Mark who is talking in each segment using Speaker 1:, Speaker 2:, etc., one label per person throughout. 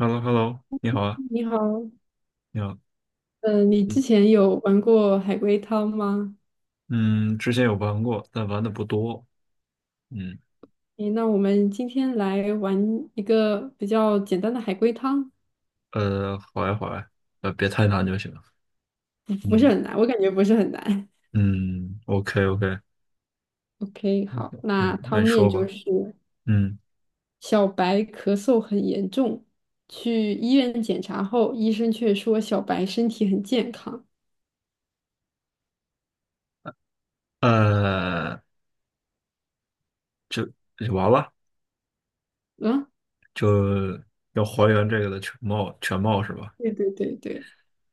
Speaker 1: Hello,Hello,你好啊，
Speaker 2: 你好，
Speaker 1: 你好。
Speaker 2: 嗯，你之
Speaker 1: 嗯
Speaker 2: 前有玩过海龟汤吗？
Speaker 1: 嗯，之前有玩过，但玩的不多，嗯。
Speaker 2: 诶，那我们今天来玩一个比较简单的海龟汤，
Speaker 1: 好呀好呀，别太难就行。
Speaker 2: 不是
Speaker 1: 嗯
Speaker 2: 很难，我感觉不是很难。
Speaker 1: 嗯，OK OK。
Speaker 2: OK，好，
Speaker 1: 那
Speaker 2: 那
Speaker 1: 你那
Speaker 2: 汤
Speaker 1: 你
Speaker 2: 面
Speaker 1: 说
Speaker 2: 就
Speaker 1: 吧，
Speaker 2: 是
Speaker 1: 嗯。
Speaker 2: 小白咳嗽很严重，去医院检查后，医生却说小白身体很健康。
Speaker 1: 呃，就就完了，
Speaker 2: 啊，
Speaker 1: 就要还原这个的全貌是吧？
Speaker 2: 对对对对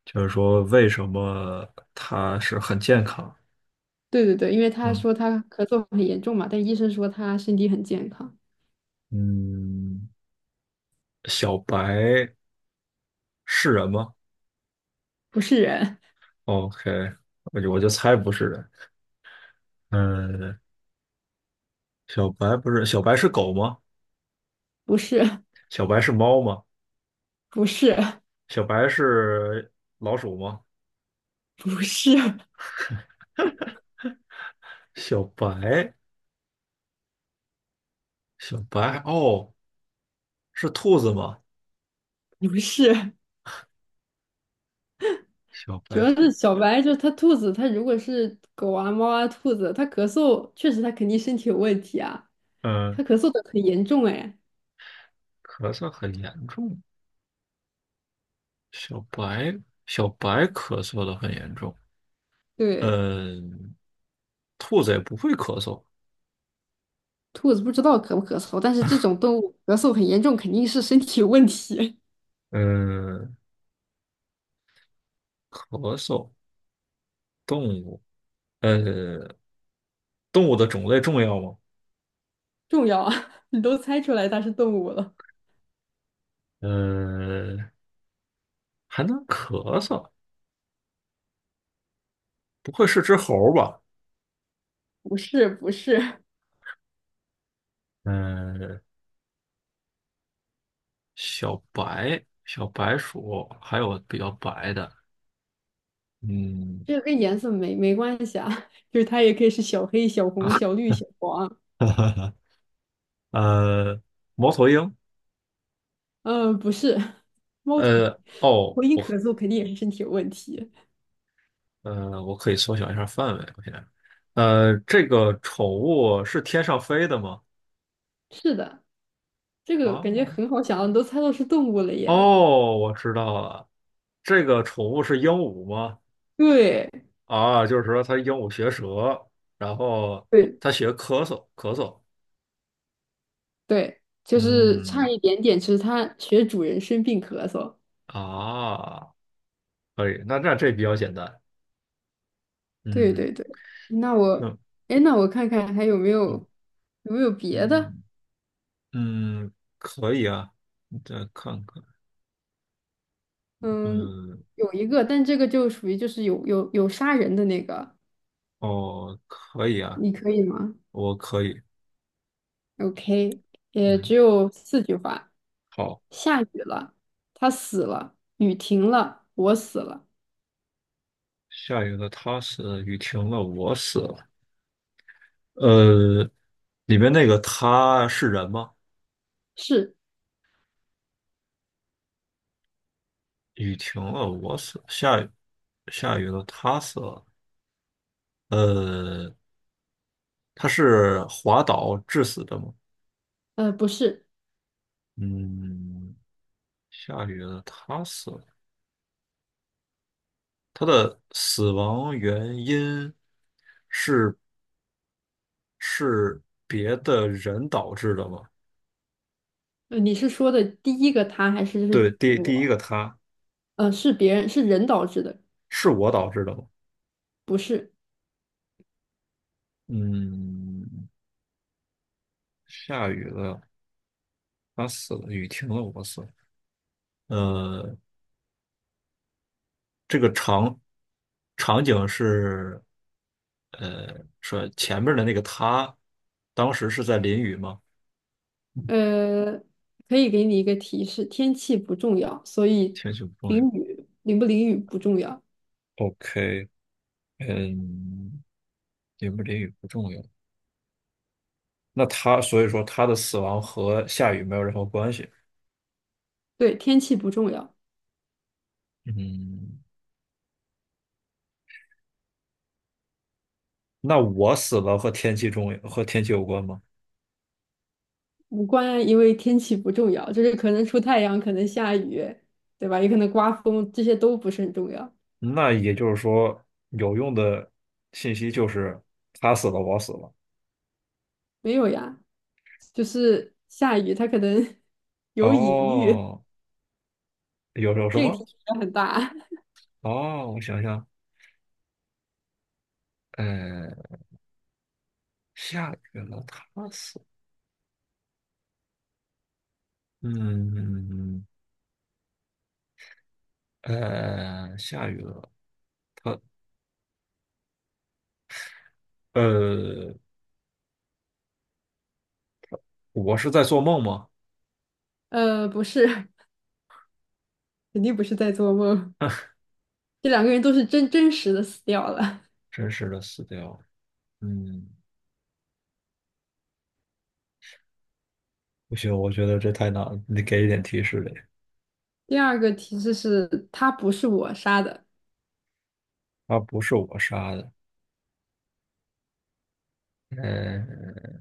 Speaker 1: 就是说为什么它是很健康？
Speaker 2: 对对对，因为他
Speaker 1: 嗯
Speaker 2: 说他咳嗽很严重嘛，但医生说他身体很健康，
Speaker 1: 嗯，小白是人吗
Speaker 2: 不是人，
Speaker 1: ？OK，我就猜不是人，嗯。小白不是，小白是狗吗？
Speaker 2: 不是，
Speaker 1: 小白是猫吗？
Speaker 2: 不是，
Speaker 1: 小白是老鼠吗？
Speaker 2: 不是。
Speaker 1: 小白，小白哦，是兔子吗？
Speaker 2: 不是，
Speaker 1: 小
Speaker 2: 主
Speaker 1: 白
Speaker 2: 要是
Speaker 1: 兔，
Speaker 2: 小白，就是它兔子，它如果是狗啊、猫啊、兔子，它咳嗽，确实它肯定身体有问题啊，
Speaker 1: 嗯，
Speaker 2: 它咳嗽的很严重哎。
Speaker 1: 咳嗽很严重。小白，小白咳嗽的很严重。
Speaker 2: 对，
Speaker 1: 嗯，兔子也不会咳嗽。
Speaker 2: 兔子不知道咳不咳嗽，但是这种动物咳嗽很严重，肯定是身体有问题，
Speaker 1: 嗯，咳嗽动物，呃，动物的种类重要吗？
Speaker 2: 重要啊！你都猜出来它是动物了，
Speaker 1: 呃，还能咳嗽，不会是只猴儿吧？
Speaker 2: 不是不是，
Speaker 1: 嗯，小白、小白鼠，还有比较白的，嗯。
Speaker 2: 这个跟颜色没关系啊，就是它也可以是小黑、小红、小绿、小黄，
Speaker 1: 呃，猫头鹰，
Speaker 2: 嗯、不是，猫头鹰，
Speaker 1: 呃，哦，
Speaker 2: 猫头鹰咳嗽肯定也是身体有问题，
Speaker 1: 我可以缩小一下范围，我现在，这个宠物是天上飞的吗？
Speaker 2: 是的。这个
Speaker 1: 啊，
Speaker 2: 感觉很好想，你都猜到是动物了耶。
Speaker 1: 哦，我知道了，这个宠物是鹦鹉吗？
Speaker 2: 对
Speaker 1: 啊，就是说它鹦鹉学舌，然后
Speaker 2: 对
Speaker 1: 它学咳嗽，咳嗽，
Speaker 2: 对，就是差
Speaker 1: 嗯，
Speaker 2: 一点点，就是它学主人生病咳嗽。
Speaker 1: 啊，可以，那这比较简单，
Speaker 2: 对
Speaker 1: 嗯。
Speaker 2: 对对，那我，
Speaker 1: 嗯
Speaker 2: 哎，那我看看还有没有
Speaker 1: 嗯
Speaker 2: 有没有别的？
Speaker 1: 嗯嗯，可以啊，你再看看，
Speaker 2: 嗯，
Speaker 1: 嗯，
Speaker 2: 有一个，但这个就属于就是有杀人的那个，
Speaker 1: 哦，可以啊，
Speaker 2: 你可以吗
Speaker 1: 我可以，
Speaker 2: ？OK，也
Speaker 1: 嗯，
Speaker 2: 只有四句话。
Speaker 1: 好。
Speaker 2: 下雨了，他死了；雨停了，我死了。
Speaker 1: 下雨了，他死了，雨停了，我死了。呃，里面那个他是人吗？
Speaker 2: 是，
Speaker 1: 雨停了，我死了，下雨，下雨了，他死了，呃，他是滑倒致死的吗？
Speaker 2: 不是。
Speaker 1: 嗯。下雨了，他死了。他的死亡原因是是别的人导致的吗？
Speaker 2: 你是说的第一个他还是就
Speaker 1: 对，
Speaker 2: 是
Speaker 1: 第第一
Speaker 2: 我？
Speaker 1: 个他
Speaker 2: 是别人，是人导致的，
Speaker 1: 是我导致的吗？
Speaker 2: 不是。
Speaker 1: 嗯。下雨了，他死了，雨停了，我死了。呃，这个场景是，呃，说前面的那个他，当时是在淋雨吗？
Speaker 2: 呃，可以给你一个提示，天气不重要，所以
Speaker 1: 天气不重要。
Speaker 2: 淋不淋雨不重要。
Speaker 1: OK，嗯，淋不淋雨不重要。那他所以说他的死亡和下雨没有任何关系。
Speaker 2: 对，天气不重要，
Speaker 1: 嗯，那我死了和天气中和天气有关吗？
Speaker 2: 无关，因为天气不重要，就是可能出太阳，可能下雨，对吧？也可能刮风，这些都不是很重要。
Speaker 1: 那也就是说，有用的信息就是他死了，我死了。
Speaker 2: 没有呀，就是下雨，它可能 有隐喻，
Speaker 1: 哦，有什
Speaker 2: 这个
Speaker 1: 么？
Speaker 2: 提示也很大。
Speaker 1: 哦，我想想，呃，下雨了，他死了，嗯，下雨了，他，呃，我是在做梦吗？
Speaker 2: 不是，肯定不是在做梦。这两个人都是真实的死掉了。
Speaker 1: 真实的死掉，嗯，不行，我觉得这太难了，你得给一点提示呗。
Speaker 2: 第二个提示是，他不是我杀的，
Speaker 1: 他不是我杀的，嗯，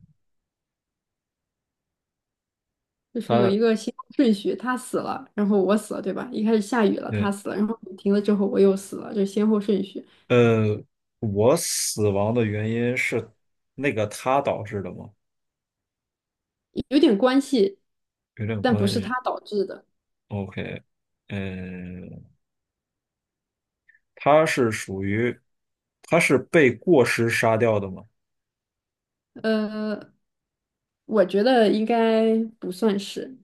Speaker 2: 就是有
Speaker 1: 他，
Speaker 2: 一个先后顺序，他死了，然后我死了，对吧？一开始下雨了，他
Speaker 1: 嗯，
Speaker 2: 死了，然后雨停了之后我又死了，就是先后顺序
Speaker 1: 呃，我死亡的原因是那个他导致的吗？
Speaker 2: 有点关系，
Speaker 1: 有点
Speaker 2: 但不
Speaker 1: 关
Speaker 2: 是
Speaker 1: 系。
Speaker 2: 他导致的。
Speaker 1: OK，嗯，他是属于，他是被过失杀掉的吗？
Speaker 2: 呃，我觉得应该不算是，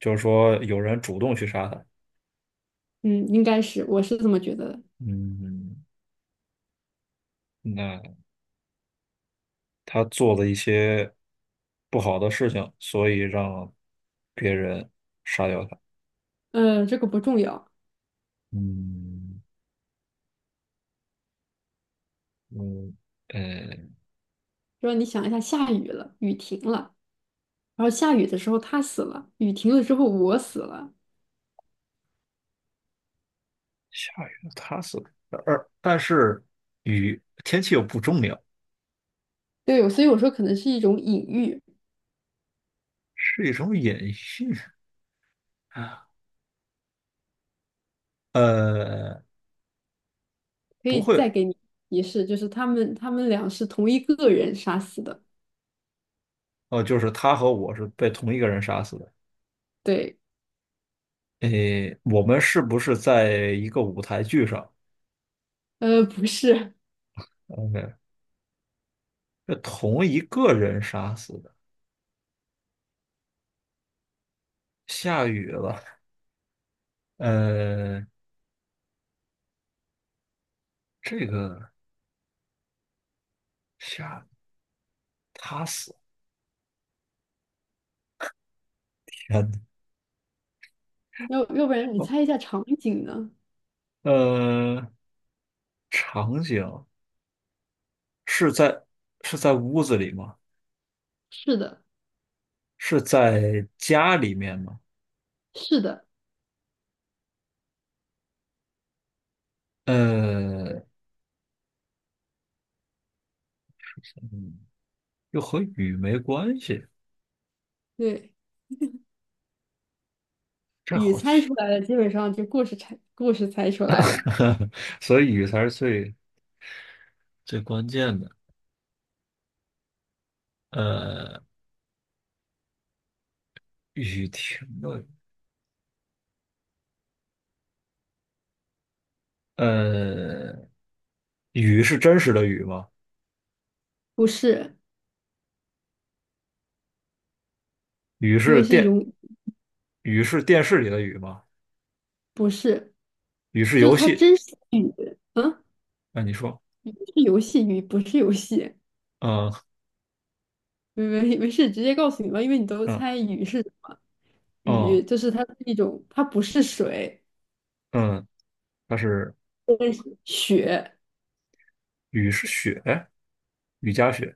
Speaker 1: 就是说有人主动去杀他。
Speaker 2: 嗯，应该是，我是这么觉得的。
Speaker 1: 嗯，那他做了一些不好的事情，所以让别人杀掉他。
Speaker 2: 这个不重要，
Speaker 1: 嗯，嗯，呃，
Speaker 2: 就是你想一下，下雨了，雨停了，然后下雨的时候他死了，雨停了之后我死了。
Speaker 1: 下雨了，它是，而但是雨天气又不重要，
Speaker 2: 对，所以我说可能是一种隐喻，
Speaker 1: 是一种隐喻啊。呃，
Speaker 2: 可
Speaker 1: 不
Speaker 2: 以
Speaker 1: 会，
Speaker 2: 再给你提示，就是他们俩是同一个人杀死的。
Speaker 1: 哦，就是他和我是被同一个人杀死的。
Speaker 2: 对，
Speaker 1: 诶，我们是不是在一个舞台剧上
Speaker 2: 不是，
Speaker 1: ？OK，被同一个人杀死的。下雨了，呃，这个下他死，天呐，
Speaker 2: 要不然你
Speaker 1: 哦，
Speaker 2: 猜一下场景呢？
Speaker 1: 呃，场景是在，是在屋子里吗？
Speaker 2: 是的，
Speaker 1: 是在家里面吗？
Speaker 2: 是的，
Speaker 1: 呃，嗯，又和雨没关系，
Speaker 2: 对，
Speaker 1: 这
Speaker 2: 雨
Speaker 1: 好
Speaker 2: 猜
Speaker 1: 奇。
Speaker 2: 出来了，基本上就故事猜出来了，
Speaker 1: 所以雨才是最关键的。呃，雨停了，呃，雨是真实的雨吗？
Speaker 2: 不是，
Speaker 1: 雨
Speaker 2: 因
Speaker 1: 是
Speaker 2: 为是一
Speaker 1: 电，
Speaker 2: 种
Speaker 1: 雨是电视里的雨吗？
Speaker 2: 不是，
Speaker 1: 雨是
Speaker 2: 就是
Speaker 1: 游
Speaker 2: 它
Speaker 1: 戏？
Speaker 2: 真是雨，嗯，
Speaker 1: 那你说，
Speaker 2: 是游戏雨，不是游戏，
Speaker 1: 嗯
Speaker 2: 没事，直接告诉你吧，因为你都
Speaker 1: 嗯
Speaker 2: 猜雨是什么，
Speaker 1: 嗯
Speaker 2: 雨就是它是一种，它不是水。
Speaker 1: 嗯，它是，
Speaker 2: 对雪，
Speaker 1: 雨是雪，雨夹雪，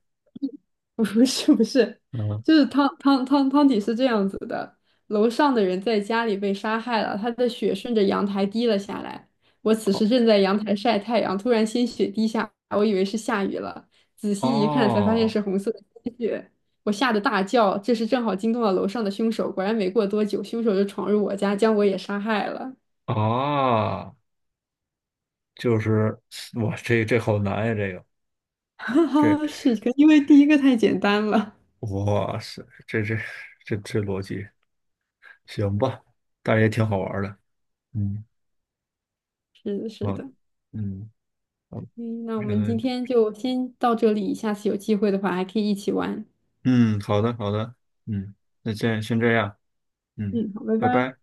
Speaker 2: 不是不是，
Speaker 1: 嗯，
Speaker 2: 就是汤底是这样子的：楼上的人在家里被杀害了，他的血顺着阳台滴了下来。我此
Speaker 1: 哦，
Speaker 2: 时正在阳台晒太阳，突然鲜血滴下，我以为是下雨了，仔细一看才发现
Speaker 1: 哦
Speaker 2: 是红色的鲜血，我吓得大叫。这时正好惊动了楼上的凶手，果然没过多久，凶手就闯入我家，将我也杀害了。
Speaker 1: 啊。就是哇，这这好难呀，这个
Speaker 2: 哈哈，
Speaker 1: 这
Speaker 2: 是的，因为第一个太简单了。
Speaker 1: 哇塞，这这这这逻辑行吧，但是也挺好玩儿的，嗯，
Speaker 2: 是的，是
Speaker 1: 好，
Speaker 2: 的。
Speaker 1: 嗯，好，
Speaker 2: 嗯，那我
Speaker 1: 觉
Speaker 2: 们
Speaker 1: 得
Speaker 2: 今天就先到这里，下次有机会的话还可以一起玩。
Speaker 1: 嗯，好的，好的，嗯，那先这样，嗯，
Speaker 2: 嗯，好，拜
Speaker 1: 拜拜。
Speaker 2: 拜。